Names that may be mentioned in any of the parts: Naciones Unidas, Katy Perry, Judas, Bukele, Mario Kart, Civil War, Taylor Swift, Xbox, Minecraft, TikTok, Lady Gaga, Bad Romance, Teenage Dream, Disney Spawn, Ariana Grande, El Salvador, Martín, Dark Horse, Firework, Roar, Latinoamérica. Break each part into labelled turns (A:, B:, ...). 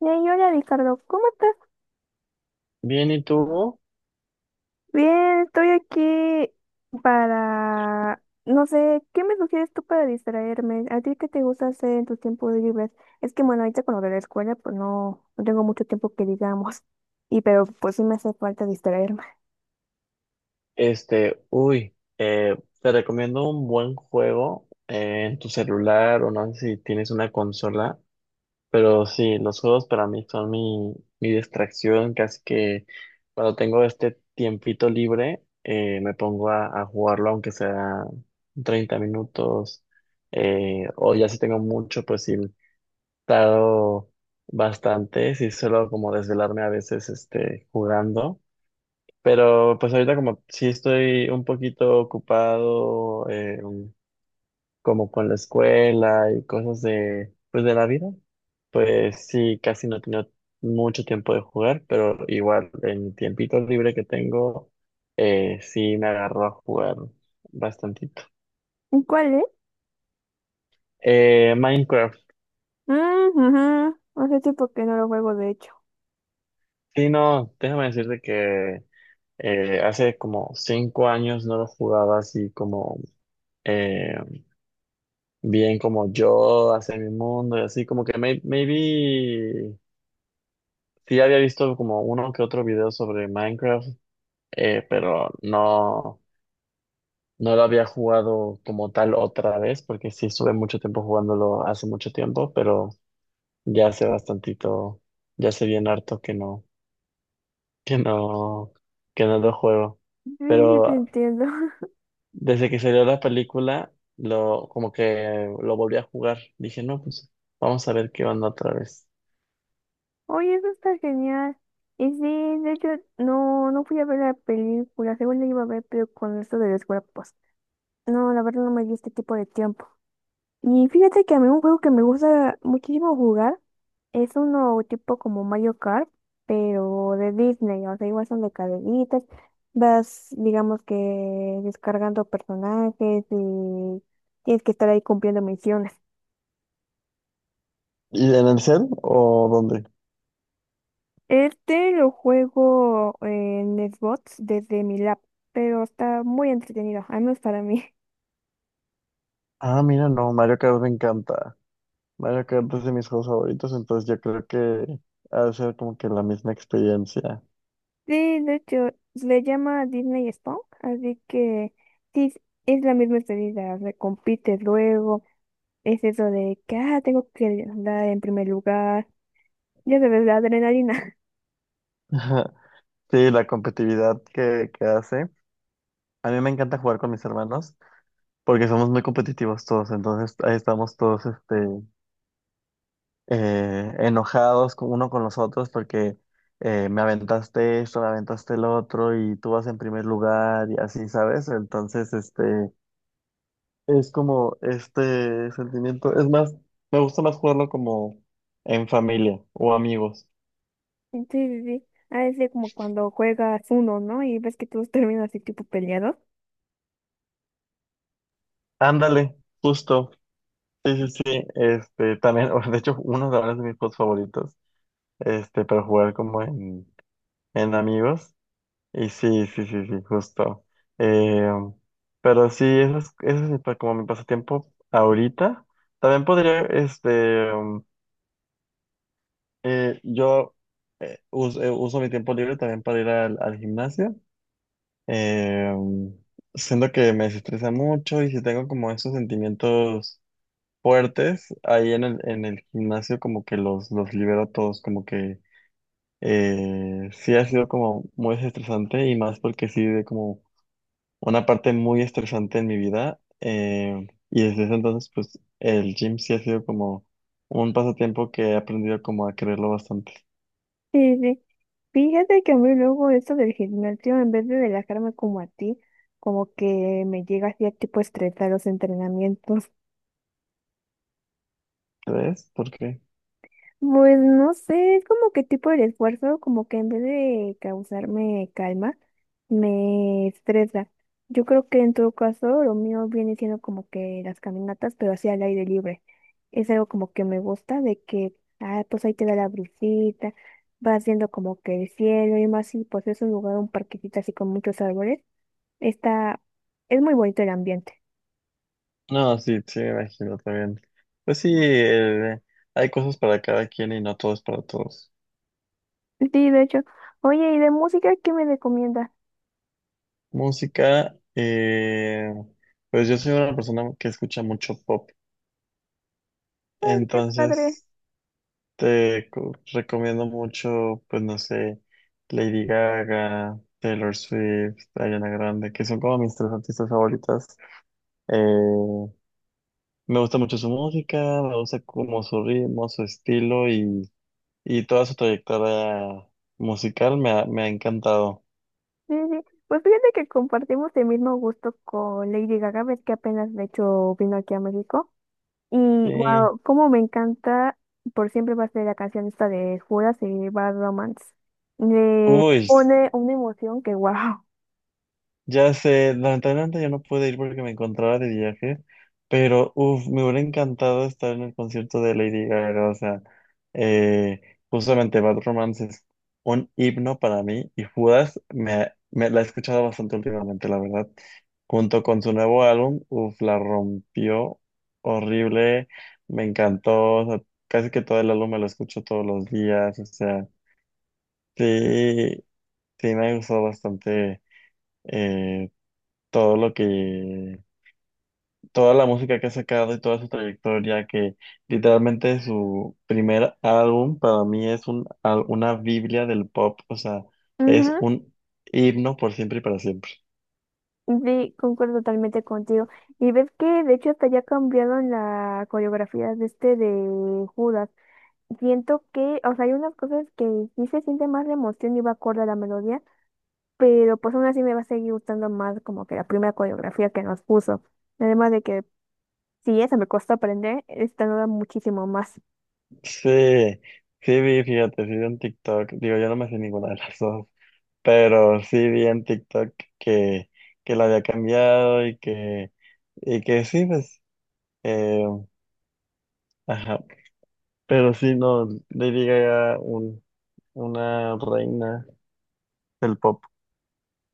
A: Y ahí, hola Ricardo, ¿cómo estás?
B: Bien, ¿y tú?
A: Bien, estoy aquí para, no sé, ¿qué me sugieres tú para distraerme? ¿A ti qué te gusta hacer en tus tiempos libres? Es que bueno, ahorita con lo de la escuela, pues no, no tengo mucho tiempo que digamos, y pero pues sí me hace falta distraerme.
B: Te recomiendo un buen juego en tu celular o no sé si tienes una consola, pero sí, los juegos para mí son mi distracción, casi que cuando tengo este tiempito libre me pongo a jugarlo aunque sea 30 minutos, o ya si tengo mucho, pues sí, tardo bastante, sí suelo como desvelarme a veces este, jugando. Pero pues ahorita como sí estoy un poquito ocupado, como con la escuela y cosas de pues de la vida, pues sí, casi no he tenido mucho tiempo de jugar, pero igual en mi tiempito libre que tengo, sí me agarro a jugar bastantito.
A: ¿Y ¿Cuál es?
B: Minecraft,
A: Mm, ujú. Hace tiempo que no lo juego, de hecho.
B: sí, no, déjame decirte que hace como 5 años no lo jugaba así, como... eh, bien como yo hacia mi mundo y así, como que maybe sí había visto como uno que otro video sobre Minecraft, pero no, no lo había jugado como tal otra vez, porque sí estuve mucho tiempo jugándolo hace mucho tiempo, pero ya hace bastantito, ya hace bien harto que no, que no lo juego.
A: Sí, sí te
B: Pero
A: entiendo.
B: desde que salió la película, como que lo volví a jugar, dije, no, pues vamos a ver qué onda otra vez.
A: Oye, eso está genial. Y sí, de hecho, no, no fui a ver la película, según la iba a ver, pero con esto de la escuela, pues. No, la verdad no me dio este tipo de tiempo. Y fíjate que a mí un juego que me gusta muchísimo jugar es uno tipo como Mario Kart, pero de Disney. O sea, igual son de carreritas. Vas, digamos que descargando personajes y tienes que estar ahí cumpliendo misiones.
B: ¿Y en el cel o dónde?
A: Este lo juego en Xbox desde mi lap, pero está muy entretenido, al menos para mí.
B: Ah, mira, no, Mario Kart me encanta. Mario Kart es de mis juegos favoritos, entonces yo creo que ha de ser como que la misma experiencia.
A: Sí, de hecho, se le llama Disney Spawn, así que sí, es la misma estadía, recompites luego, es eso de que, ah, tengo que andar en primer lugar, ya sabes, la adrenalina.
B: Ajá. Sí, la competitividad que hace. A mí me encanta jugar con mis hermanos porque somos muy competitivos todos, entonces ahí estamos todos este, enojados uno con los otros porque me aventaste esto, me aventaste el otro y tú vas en primer lugar y así, ¿sabes? Entonces, este. Es como este sentimiento. Es más, me gusta más jugarlo como en familia o amigos.
A: Sí, sí, sí, a veces como cuando juegas uno, ¿no? Y ves que todos terminan así tipo peleados.
B: Ándale, justo. Sí, sí, sí. Este, también, de hecho, uno de ahora es de mis juegos favoritos. Este, para jugar como en amigos. Y sí, sí, sí, sí, justo. Eh, pero sí, eso es mi como mi pasatiempo ahorita. También podría, este, yo, uso mi tiempo libre también para ir al gimnasio. Eh, siento que me desestresa mucho y si tengo como esos sentimientos fuertes, ahí en el gimnasio como que los libero todos, como que sí ha sido como muy desestresante y más porque sí de como una parte muy estresante en mi vida. Y desde ese entonces pues el gym sí ha sido como un pasatiempo que he aprendido como a quererlo bastante.
A: Sí, sí. Fíjate que a mí luego esto del gimnasio, en vez de relajarme como a ti, como que me llega así a tipo estresar los entrenamientos.
B: ¿Ves? ¿Por qué?
A: Pues no sé, es como que tipo el esfuerzo, como que en vez de causarme calma, me estresa. Yo creo que en todo caso lo mío viene siendo como que las caminatas, pero así al aire libre. Es algo como que me gusta, de que, ah, pues ahí te da la brisita, vas viendo como que el cielo y más, y pues es un lugar, un parquecito así con muchos árboles. Está, es muy bonito el ambiente.
B: No, sí, sí, me imagino también. Pues sí, hay cosas para cada quien y no todo es para todos.
A: Sí, de hecho. Oye, ¿y de música qué me recomiendas?
B: Música, pues yo soy una persona que escucha mucho pop,
A: Ay, qué padre.
B: entonces te recomiendo mucho, pues no sé, Lady Gaga, Taylor Swift, Ariana Grande, que son como mis tres artistas favoritas. Eh, me gusta mucho su música, me gusta como su ritmo, su estilo y toda su trayectoria musical me ha encantado.
A: Sí, sí. Pues fíjate que compartimos el mismo gusto con Lady Gaga, ves que apenas de hecho vino aquí a México. Y
B: Sí.
A: wow, cómo me encanta, por siempre va a ser la canción esta de Judas y Bad Romance. Le
B: Uy,
A: pone una emoción que wow.
B: ya sé, lamentablemente yo no pude ir porque me encontraba de viaje, pero uff, me hubiera encantado estar en el concierto de Lady Gaga, o sea, eh, justamente Bad Romance es un himno para mí y Judas me la he escuchado bastante últimamente, la verdad. Junto con su nuevo álbum, uff, la rompió horrible, me encantó, o sea, casi que todo el álbum me lo escucho todos los días, o sea, sí, sí me ha gustado bastante, eh, todo lo que, toda la música que ha sacado y toda su trayectoria, que literalmente su primer álbum para mí es una biblia del pop, o sea, es
A: Ujú.
B: un himno por siempre y para siempre.
A: Sí, concuerdo totalmente contigo. Y ves que de hecho hasta ya cambiaron la coreografía de este de Judas. Siento que, o sea, hay unas cosas que sí se siente más la emoción y va acorde a la melodía, pero pues aún así me va a seguir gustando más como que la primera coreografía que nos puso. Además de que si esa me costó aprender, esta nueva muchísimo más.
B: Sí, sí vi, fíjate, sí vi en TikTok, digo, yo no me sé ninguna de las dos, pero sí vi en TikTok que la había cambiado y que sí, pues, eh, ajá, pero sí, no, Lady Gaga, una reina. El pop.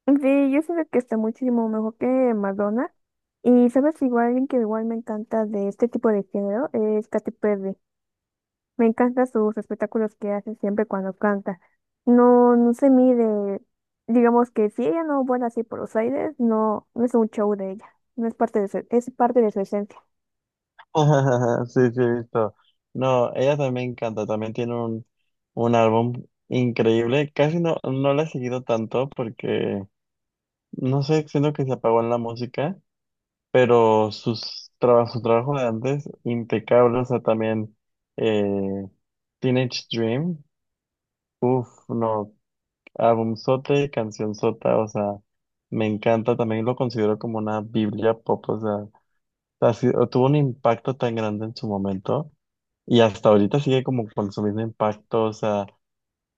A: Sí, yo siento que está muchísimo mejor que Madonna. Y sabes, igual alguien que igual me encanta de este tipo de género es Katy Perry. Me encantan sus espectáculos que hace siempre cuando canta. No, no se mide, digamos que si ella no vuela así por los aires, no, no es un show de ella, no es parte de su, es parte de su esencia.
B: Sí, sí, he visto. No, ella también canta, también tiene un álbum increíble. Casi no la he seguido tanto porque, no sé, siento que se apagó en la música, pero sus trabajos, su trabajo de antes, impecable. O sea, también, eh, Teenage Dream, uff, no, álbum sote, canción sota, o sea, me encanta. También lo considero como una Biblia pop, o sea, tuvo un impacto tan grande en su momento. Y hasta ahorita sigue como con su mismo impacto, o sea,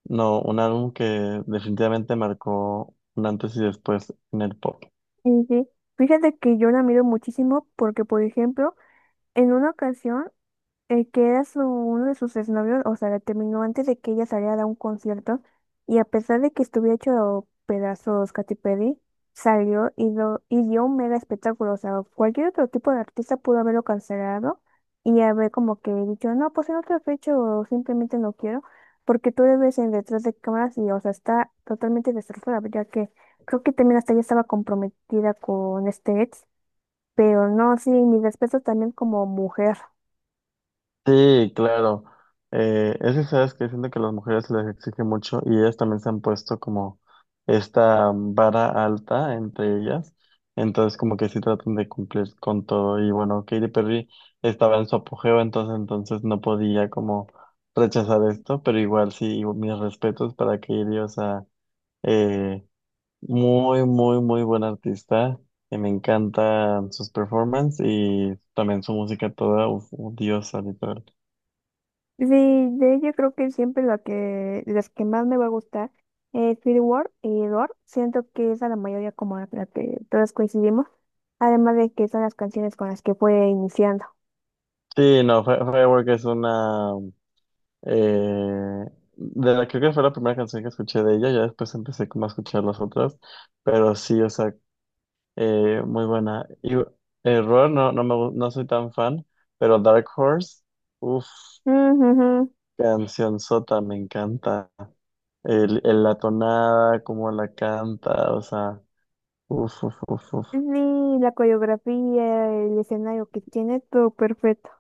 B: no, un álbum que definitivamente marcó un antes y después en el pop.
A: Y sí, fíjate que yo la miro muchísimo porque, por ejemplo, en una ocasión, el que era su, uno de sus exnovios, o sea, la terminó antes de que ella saliera a un concierto y a pesar de que estuviera hecho pedazos Katy Perry, salió y, lo, y dio un mega espectáculo, o sea, cualquier otro tipo de artista pudo haberlo cancelado y haber como que dicho, no, pues en otra fecha o simplemente no quiero, porque tú le ves en detrás de cámaras y, o sea, está totalmente destrozada, ya que creo que también hasta ella estaba comprometida con este ex, pero no, sí, mi respeto también como mujer.
B: Sí, claro. Es que sabes que siento que a las mujeres se les exige mucho y ellas también se han puesto como esta vara alta entre ellas, entonces como que sí tratan de cumplir con todo y bueno, Katy Perry estaba en su apogeo, entonces no podía como rechazar esto, pero igual sí, mis respetos para Katy, o sea, eh, muy, muy, muy buen artista. Y me encantan sus performances y también su música toda, uf, un diosa, literal.
A: Sí, de ella creo que siempre la que, las que más me va a gustar es Civil War y Roar. Siento que es a la mayoría como la que todas coincidimos, además de que son las canciones con las que fue iniciando.
B: Sí, no, Firework es una. eh, de la, creo que fue la primera canción que escuché de ella, ya después empecé como a escuchar las otras, pero sí, o sea, muy buena. Y Error, no, no, no soy tan fan, pero Dark Horse, uff,
A: Ujujú.
B: canción sota, me encanta. La tonada, cómo la canta, o sea. Uf, uf, uf, uf.
A: Sí, la coreografía, el escenario que tiene, todo perfecto.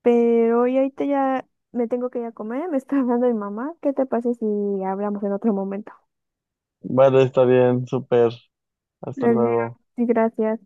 A: Pero y ahorita ya me tengo que ir a comer, me está hablando mi mamá. ¿Qué te parece si hablamos en otro momento?
B: Vale, está bien, súper. Hasta
A: Gracias.
B: luego.
A: Sí, gracias.